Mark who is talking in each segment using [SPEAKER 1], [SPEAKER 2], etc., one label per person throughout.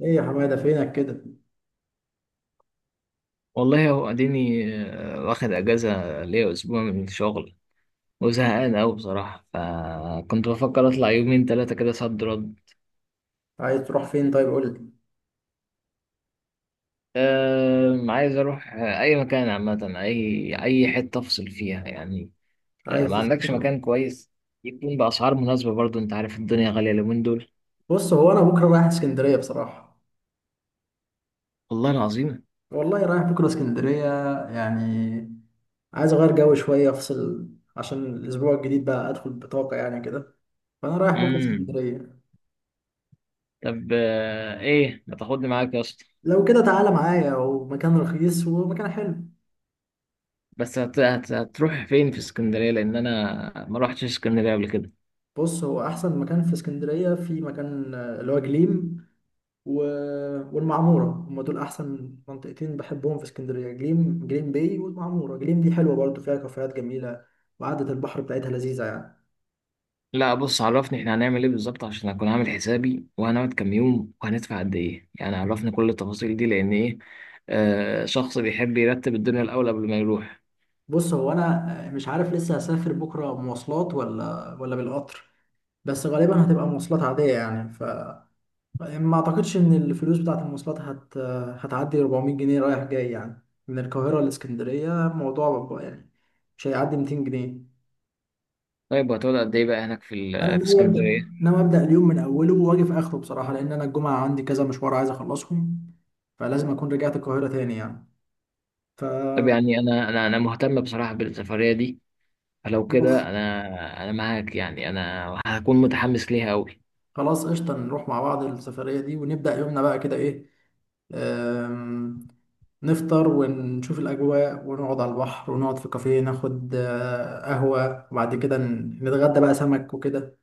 [SPEAKER 1] ايه يا حماده فينك كده؟
[SPEAKER 2] والله هو اديني واخد اجازه ليا اسبوع من الشغل، وزهقان اوي بصراحه. فكنت بفكر اطلع يومين ثلاثه كده صد رد.
[SPEAKER 1] عايز تروح فين طيب قول لي.
[SPEAKER 2] أه، عايز اروح اي مكان عامه، اي حته افصل فيها يعني. أه،
[SPEAKER 1] عايز
[SPEAKER 2] ما عندكش
[SPEAKER 1] تسافر؟
[SPEAKER 2] مكان كويس يكون باسعار مناسبه؟ برضو انت عارف الدنيا غاليه اليومين دول.
[SPEAKER 1] بص هو انا بكره رايح اسكندريه بصراحه.
[SPEAKER 2] والله العظيم.
[SPEAKER 1] والله رايح بكره اسكندريه، يعني عايز اغير جو شويه افصل، عشان الاسبوع الجديد بقى ادخل بطاقه يعني كده، فانا رايح بكره
[SPEAKER 2] امم.
[SPEAKER 1] اسكندريه.
[SPEAKER 2] طب أه، ايه ما تاخدني معاك يا اسطى؟
[SPEAKER 1] لو كده تعالى معايا ومكان رخيص ومكان حلو.
[SPEAKER 2] بس هتروح فين في اسكندريه؟ لان انا ما روحتش اسكندريه قبل كده.
[SPEAKER 1] بص هو احسن مكان في اسكندريه في مكان اللي هو جليم و... والمعمورة، هم دول أحسن منطقتين بحبهم في اسكندرية، جليم، جليم باي والمعمورة. جليم دي حلوة برضو، فيها كافيهات جميلة وقعدة البحر بتاعتها لذيذة يعني.
[SPEAKER 2] لا بص، عرفني احنا هنعمل ايه بالظبط عشان اكون عامل حسابي، وهنقعد كام يوم، وهندفع قد ايه؟ يعني عرفني كل التفاصيل دي، لان ايه، شخص بيحب يرتب الدنيا الاول قبل ما يروح.
[SPEAKER 1] بص هو أنا مش عارف لسه هسافر بكرة مواصلات ولا بالقطر، بس غالبا هتبقى مواصلات عادية يعني، ف ما أعتقدش إن الفلوس بتاعة المواصلات هتعدي 400 جنيه رايح جاي يعني، من القاهرة لإسكندرية الموضوع يعني مش هيعدي 200 جنيه.
[SPEAKER 2] طيب وهتقعد قد ايه بقى هناك
[SPEAKER 1] انا
[SPEAKER 2] في
[SPEAKER 1] ناوي ابدا،
[SPEAKER 2] اسكندريه؟
[SPEAKER 1] ناوي ابدا اليوم من اوله واجي في اخره بصراحه، لان انا الجمعه عندي كذا مشوار عايز اخلصهم، فلازم اكون رجعت القاهره تاني يعني، ف
[SPEAKER 2] طب يعني انا مهتم بصراحه بالسفريه دي، فلو
[SPEAKER 1] خلاص،
[SPEAKER 2] كده انا معاك. يعني انا هكون متحمس ليها قوي.
[SPEAKER 1] خلاص قشطه نروح مع بعض السفريه دي ونبدا يومنا بقى كده. ايه، أم، نفطر ونشوف الاجواء ونقعد على البحر، ونقعد في كافيه ناخد قهوه، وبعد كده نتغدى بقى سمك وكده.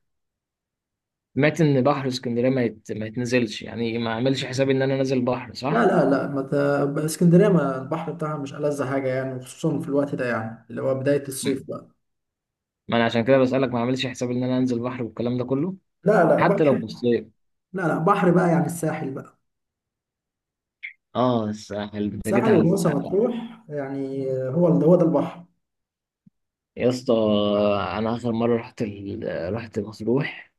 [SPEAKER 2] سمعت ان بحر اسكندريه ما يتنزلش، يعني ما اعملش حسابي ان انا نازل بحر،
[SPEAKER 1] لا
[SPEAKER 2] صح؟
[SPEAKER 1] لا لا ما ت... اسكندريه ما البحر بتاعها مش ألذ حاجه يعني، وخصوصا في الوقت ده يعني اللي هو بدايه
[SPEAKER 2] ما
[SPEAKER 1] الصيف بقى.
[SPEAKER 2] انا عشان كده بسالك، ما اعملش حسابي ان انا انزل بحر والكلام ده كله؟
[SPEAKER 1] لا لا،
[SPEAKER 2] حتى لو
[SPEAKER 1] بحر.
[SPEAKER 2] في الصيف.
[SPEAKER 1] لا لا، بحر بقى يعني الساحل بقى.
[SPEAKER 2] اه، الساحل، انت جيت
[SPEAKER 1] الساحل
[SPEAKER 2] على
[SPEAKER 1] ومرسى
[SPEAKER 2] الساحل.
[SPEAKER 1] مطروح يعني، هو هو ده البحر.
[SPEAKER 2] يا اسطى، انا اخر مره رحت رحت مطروح،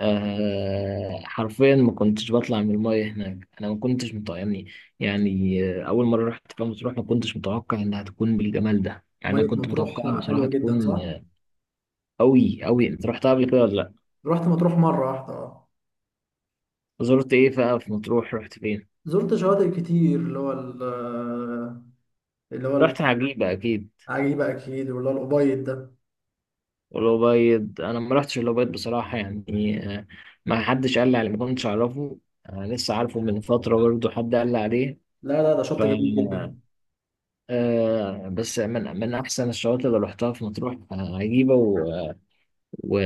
[SPEAKER 2] حرفيا ما كنتش بطلع من المايه هناك. انا ما كنتش متوقعني، يعني اول مره رحت فيها مطروح ما كنتش متوقع انها تكون بالجمال ده. يعني
[SPEAKER 1] مية
[SPEAKER 2] انا كنت
[SPEAKER 1] مطروح
[SPEAKER 2] متوقعها بصراحه
[SPEAKER 1] حلوة جدا
[SPEAKER 2] تكون
[SPEAKER 1] صح؟
[SPEAKER 2] قوي قوي. انت رحتها قبل كده ولا لا؟
[SPEAKER 1] رحت مطروح مرة واحدة اه.
[SPEAKER 2] زرت ايه بقى في مطروح؟ رحت فين؟
[SPEAKER 1] زرت شواطئ كتير، اللي هو اللي هو
[SPEAKER 2] رحت عجيبه اكيد.
[SPEAKER 1] العجيبة أكيد، واللي هو الأبيض ده.
[SPEAKER 2] الأبيض؟ أنا ما رحتش الأبيض بصراحة، يعني ما حدش قال لي عليه، ما كنتش أعرفه. أنا لسه عارفه من فترة برضه، حد قال لي عليه.
[SPEAKER 1] لا لا، ده
[SPEAKER 2] ف
[SPEAKER 1] شط جميل جدا.
[SPEAKER 2] بس من أحسن الشواطئ اللي رحتها في مطروح عجيبة، و...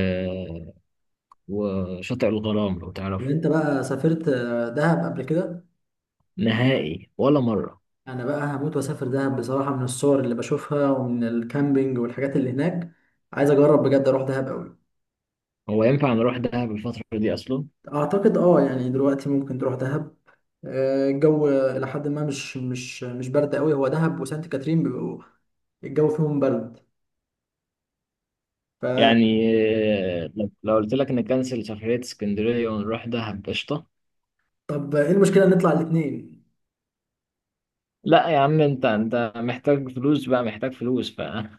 [SPEAKER 2] وشاطئ الغرام لو
[SPEAKER 1] اللي
[SPEAKER 2] تعرفه.
[SPEAKER 1] أنت بقى سافرت دهب قبل كده؟
[SPEAKER 2] نهائي، ولا مرة.
[SPEAKER 1] أنا بقى هموت وأسافر دهب بصراحة، من الصور اللي بشوفها ومن الكامبينج والحاجات اللي هناك، عايز أجرب بجد أروح دهب أوي.
[SPEAKER 2] هو ينفع نروح دهب الفترة دي أصلا؟
[SPEAKER 1] اعتقد اه، يعني دلوقتي ممكن تروح دهب. الجو الى حد ما مش برد قوي، هو دهب وسانت كاترين بيبقوا الجو فيهم برد، ف
[SPEAKER 2] يعني لو قلت لك نكنسل سفرية اسكندرية ونروح دهب، قشطة.
[SPEAKER 1] طب ايه المشكله نطلع الاثنين؟
[SPEAKER 2] لا يا عم، انت محتاج فلوس بقى، محتاج فلوس بقى.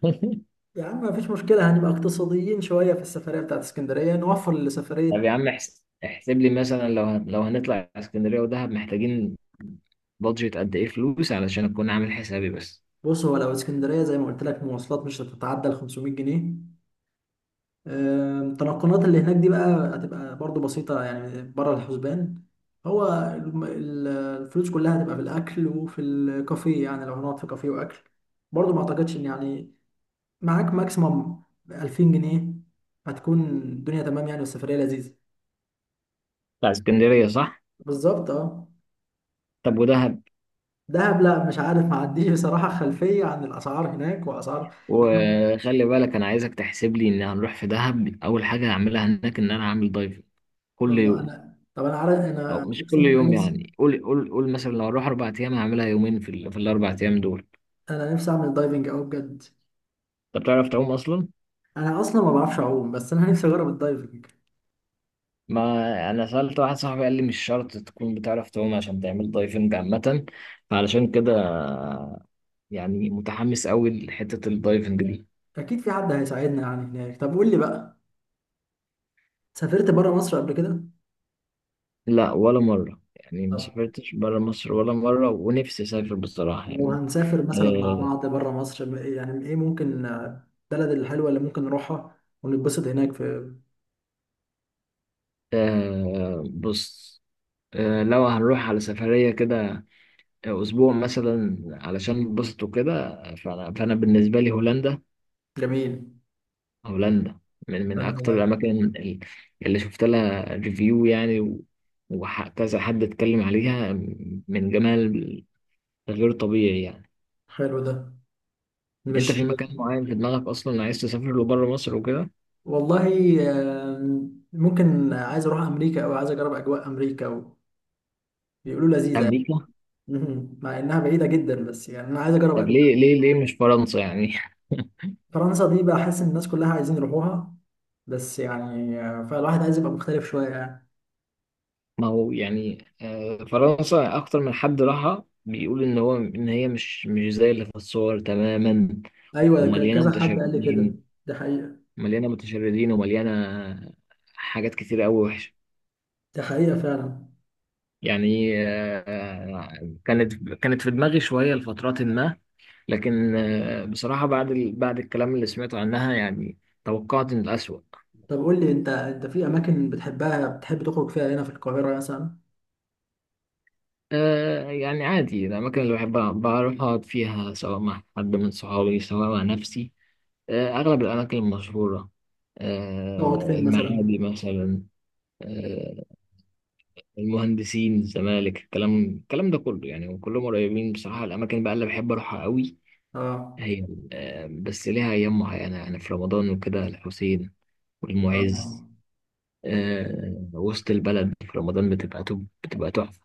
[SPEAKER 1] يا عم مفيش مشكله، هنبقى اقتصاديين شويه في السفريه بتاعت اسكندريه نوفر
[SPEAKER 2] طب
[SPEAKER 1] لسفريه.
[SPEAKER 2] يا عم احسب لي مثلا لو لو هنطلع اسكندريه ودهب، محتاجين بادجت قد ايه فلوس علشان اكون عامل حسابي بس.
[SPEAKER 1] بص هو لو اسكندريه زي ما قلت لك، مواصلات مش هتتعدى ال 500 جنيه. التنقلات اللي هناك دي بقى هتبقى برضو بسيطة يعني، بره الحسبان هو الفلوس كلها هتبقى في الأكل وفي الكافيه، يعني لو هنقعد في كافيه وأكل، برضو ما أعتقدش إن يعني معاك ماكسيموم 2000 جنيه هتكون الدنيا تمام يعني، والسفرية لذيذة.
[SPEAKER 2] بتاع اسكندريه، صح؟
[SPEAKER 1] بالظبط اه.
[SPEAKER 2] طب ودهب؟
[SPEAKER 1] دهب لا مش عارف، ما عنديش بصراحة خلفية عن الأسعار هناك وأسعار. لأن-
[SPEAKER 2] وخلي بالك انا عايزك تحسب لي ان هنروح في دهب. اول حاجه هعملها هناك ان انا هعمل دايفنج كل يوم.
[SPEAKER 1] أنا، طب أنا عارف،
[SPEAKER 2] او
[SPEAKER 1] أنا
[SPEAKER 2] مش كل
[SPEAKER 1] أقسم بالله
[SPEAKER 2] يوم،
[SPEAKER 1] نفسي،
[SPEAKER 2] يعني قول مثلا لو هروح اربع ايام هعملها يومين في الاربع ايام دول.
[SPEAKER 1] أنا نفسي أعمل دايفنج أوي بجد.
[SPEAKER 2] انت بتعرف تعوم اصلا؟
[SPEAKER 1] انا اصلا ما بعرفش اعوم، بس انا نفسي اجرب الدايفنج.
[SPEAKER 2] ما انا سألت واحد صاحبي، قال لي مش شرط تكون بتعرف تعوم عشان تعمل دايفنج عامة. فعلشان كده يعني متحمس قوي لحتة الدايفنج دي.
[SPEAKER 1] اكيد في حد هيساعدنا يعني هناك. طب قول لي بقى، سافرت بره مصر قبل كده؟
[SPEAKER 2] لا، ولا مرة. يعني ما
[SPEAKER 1] طب
[SPEAKER 2] سافرتش برا مصر ولا مرة، ونفسي اسافر بصراحة
[SPEAKER 1] لو
[SPEAKER 2] يعني.
[SPEAKER 1] هنسافر مثلا مع
[SPEAKER 2] آه.
[SPEAKER 1] بعض بره مصر، م- يعني ايه ممكن البلد الحلوه اللي ممكن نروحها ونتبسط هناك في.
[SPEAKER 2] آه، بص. لو هنروح على سفرية كده اسبوع مثلا علشان نتبسط وكده، فأنا بالنسبة لي هولندا.
[SPEAKER 1] جميل.
[SPEAKER 2] هولندا من
[SPEAKER 1] ده
[SPEAKER 2] من اكتر
[SPEAKER 1] ده
[SPEAKER 2] الاماكن ال- اللي شفت لها ريفيو يعني، وكذا حد اتكلم عليها. من جمال غير طبيعي يعني.
[SPEAKER 1] حلو ده،
[SPEAKER 2] انت في
[SPEAKER 1] مش
[SPEAKER 2] مكان معين في دماغك اصلا عايز تسافر له بره مصر وكده؟
[SPEAKER 1] والله. ممكن، عايز اروح امريكا، او عايز اجرب اجواء امريكا، وبيقولوا لذيذه يعني.
[SPEAKER 2] امريكا؟
[SPEAKER 1] مهم. مع انها بعيده جدا بس يعني انا عايز اجرب
[SPEAKER 2] طب
[SPEAKER 1] أجواء.
[SPEAKER 2] ليه ليه ليه مش فرنسا يعني؟
[SPEAKER 1] فرنسا دي بحس ان الناس كلها عايزين يروحوها، بس يعني فالواحد عايز يبقى مختلف شوية يعني.
[SPEAKER 2] ما هو يعني فرنسا اكتر من حد راحها بيقول ان هو ان هي مش زي اللي في الصور تماما،
[SPEAKER 1] أيوة، ده
[SPEAKER 2] ومليانه
[SPEAKER 1] كذا حد قال لي كده.
[SPEAKER 2] متشردين.
[SPEAKER 1] ده حقيقة.
[SPEAKER 2] مليانه متشردين، ومليانه حاجات كتير قوي وحشه.
[SPEAKER 1] ده حقيقة فعلا.
[SPEAKER 2] يعني كانت في دماغي شوية لفترات ما. لكن بصراحة بعد الكلام اللي سمعته عنها يعني توقعت إن الأسوأ.
[SPEAKER 1] طب قول لي أنت، أنت في أماكن بتحبها بتحب تخرج فيها هنا في القاهرة مثلا؟
[SPEAKER 2] يعني عادي الأماكن اللي بحب بروح أقعد فيها، سواء مع حد من صحابي، سواء مع نفسي. أغلب الأماكن المشهورة.
[SPEAKER 1] تقعد فين مثلا؟
[SPEAKER 2] المعادي مثلا، آه، المهندسين، الزمالك، الكلام ده كله يعني، وكلهم قريبين بصراحة. الأماكن بقى اللي بحب أروحها قوي
[SPEAKER 1] آه.
[SPEAKER 2] هي بس ليها أيام معينة، يعني في رمضان وكده، الحسين والمعز.
[SPEAKER 1] آه.
[SPEAKER 2] وسط البلد في رمضان بتبقى بتبقى تحفة.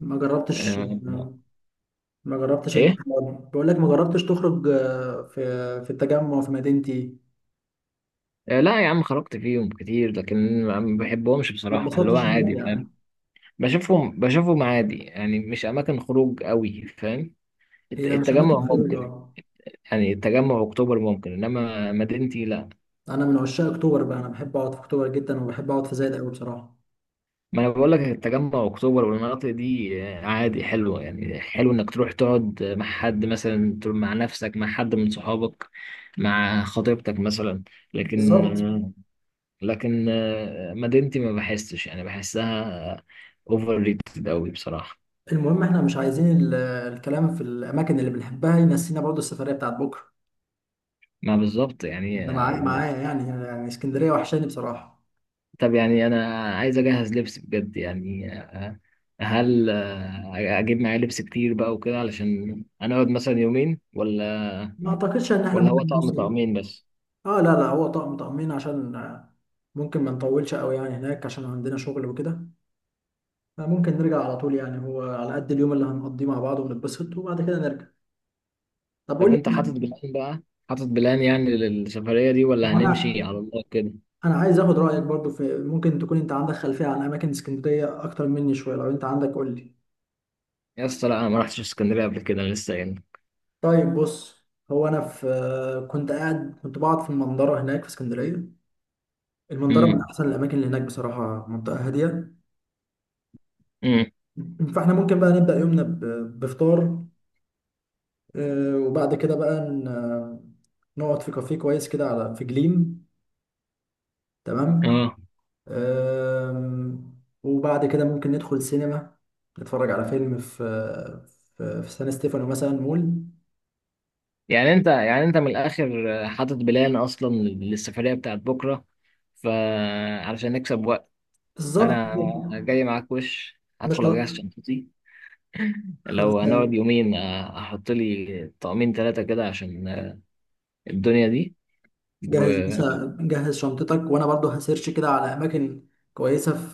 [SPEAKER 1] ما جربتش؟
[SPEAKER 2] آه،
[SPEAKER 1] ما جربتش أنت؟
[SPEAKER 2] إيه؟
[SPEAKER 1] بقول لك ما جربتش تخرج في في التجمع في مدينتي؟
[SPEAKER 2] لا يا عم، خرجت فيهم كتير لكن ما بحبهمش
[SPEAKER 1] ما
[SPEAKER 2] بصراحة، اللي هو
[SPEAKER 1] اتبسطتش هناك
[SPEAKER 2] عادي،
[SPEAKER 1] يعني؟
[SPEAKER 2] فاهم؟ بشوفهم عادي يعني، مش أماكن خروج قوي، فاهم؟
[SPEAKER 1] هي مش
[SPEAKER 2] التجمع
[SPEAKER 1] أماكن خروج
[SPEAKER 2] ممكن.
[SPEAKER 1] آه.
[SPEAKER 2] يعني التجمع أكتوبر ممكن، إنما مدينتي لا.
[SPEAKER 1] أنا من عشاق أكتوبر بقى، أنا بحب أقعد في أكتوبر جدا، وبحب أقعد في زايد أوي بصراحة.
[SPEAKER 2] ما انا بقول لك التجمع اكتوبر والمناطق دي عادي حلوه. يعني حلو انك تروح تقعد مع حد، مثلا تروح مع نفسك، مع حد من صحابك، مع خطيبتك مثلا. لكن
[SPEAKER 1] بالظبط.
[SPEAKER 2] آه، لكن مدينتي ما بحسش، يعني بحسها اوفر ريتد قوي بصراحه.
[SPEAKER 1] المهم احنا مش عايزين الكلام في الاماكن اللي بنحبها ينسينا برضو السفريه بتاعت بكره.
[SPEAKER 2] ما بالظبط يعني
[SPEAKER 1] ده معايا معايا يعني، يعني اسكندريه وحشاني بصراحه.
[SPEAKER 2] طب يعني انا عايز اجهز لبس بجد، يعني هل اجيب معايا لبس كتير بقى وكده علشان هنقعد مثلا يومين؟ ولا
[SPEAKER 1] ما اعتقدش ان احنا
[SPEAKER 2] ولا هو
[SPEAKER 1] ممكن
[SPEAKER 2] طقم
[SPEAKER 1] نوصل.
[SPEAKER 2] طقمين بس؟
[SPEAKER 1] اه لا لا، هو طقم طقمين، عشان ممكن ما نطولش قوي يعني هناك، عشان عندنا شغل وكده، فممكن نرجع على طول يعني، هو على قد اليوم اللي هنقضيه مع بعض ونتبسط وبعد كده نرجع. طب
[SPEAKER 2] طب
[SPEAKER 1] قول
[SPEAKER 2] انت حاطط
[SPEAKER 1] لي،
[SPEAKER 2] بلان بقى؟ حاطط بلان يعني للسفرية دي، ولا هنمشي
[SPEAKER 1] انا،
[SPEAKER 2] على الله كده؟
[SPEAKER 1] انا عايز اخد رايك برضو في، ممكن تكون انت عندك خلفيه عن اماكن اسكندريه اكتر مني شويه، لو انت عندك قول لي.
[SPEAKER 2] يا اسطى لا، انا ما رحتش اسكندرية قبل كده، انا لسه هنا.
[SPEAKER 1] طيب بص، هو انا في كنت قاعد، كنت بقعد في المنظره هناك في اسكندريه. المنظره من
[SPEAKER 2] امم.
[SPEAKER 1] احسن الاماكن اللي هناك بصراحه، منطقه هاديه،
[SPEAKER 2] امم.
[SPEAKER 1] فاحنا ممكن بقى نبدا يومنا بفطار وبعد كده بقى نقعد في كافيه كويس كده على في جليم. تمام.
[SPEAKER 2] اه.
[SPEAKER 1] آم، وبعد كده ممكن ندخل سينما، نتفرج على فيلم في سان ستيفانو مثلا مول.
[SPEAKER 2] يعني انت من الاخر حاطط بلان اصلا للسفرية بتاعت بكرة، فعلشان نكسب وقت
[SPEAKER 1] بالظبط.
[SPEAKER 2] انا جاي معاك. وش
[SPEAKER 1] مش
[SPEAKER 2] هدخل اجهز شنطتي. لو
[SPEAKER 1] خلاص،
[SPEAKER 2] هنقعد يومين احط لي طقمين ثلاثة كده عشان الدنيا دي.
[SPEAKER 1] جهز مثلا، جهز شنطتك، وانا برضو هسيرش كده على اماكن كويسه في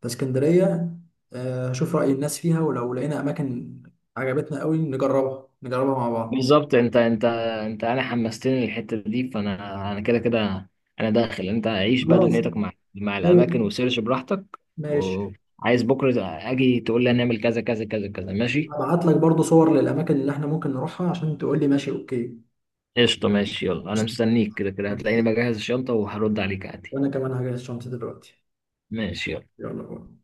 [SPEAKER 1] في اسكندريه، هشوف راي الناس فيها، ولو لقينا اماكن عجبتنا قوي نجربها، نجربها مع بعض.
[SPEAKER 2] بالظبط، انت انا حمستني للحته دي، فانا انا كده كده انا داخل. انت عيش بقى
[SPEAKER 1] خلاص.
[SPEAKER 2] دنيتك مع
[SPEAKER 1] لو-
[SPEAKER 2] الاماكن وسيرش براحتك،
[SPEAKER 1] ماشي،
[SPEAKER 2] وعايز بكره اجي تقول لي هنعمل كذا كذا كذا كذا، ماشي؟
[SPEAKER 1] هبعت لك برضو صور للاماكن اللي احنا ممكن نروحها عشان تقول لي ماشي اوكي.
[SPEAKER 2] قشطه ماشي، يلا انا
[SPEAKER 1] قشطة.
[SPEAKER 2] مستنيك. كده كده هتلاقيني
[SPEAKER 1] اوكي،
[SPEAKER 2] بجهز الشنطه وهرد عليك عادي.
[SPEAKER 1] وانا كمان هجهز شنطتي دلوقتي.
[SPEAKER 2] ماشي، يلا.
[SPEAKER 1] يلا باي.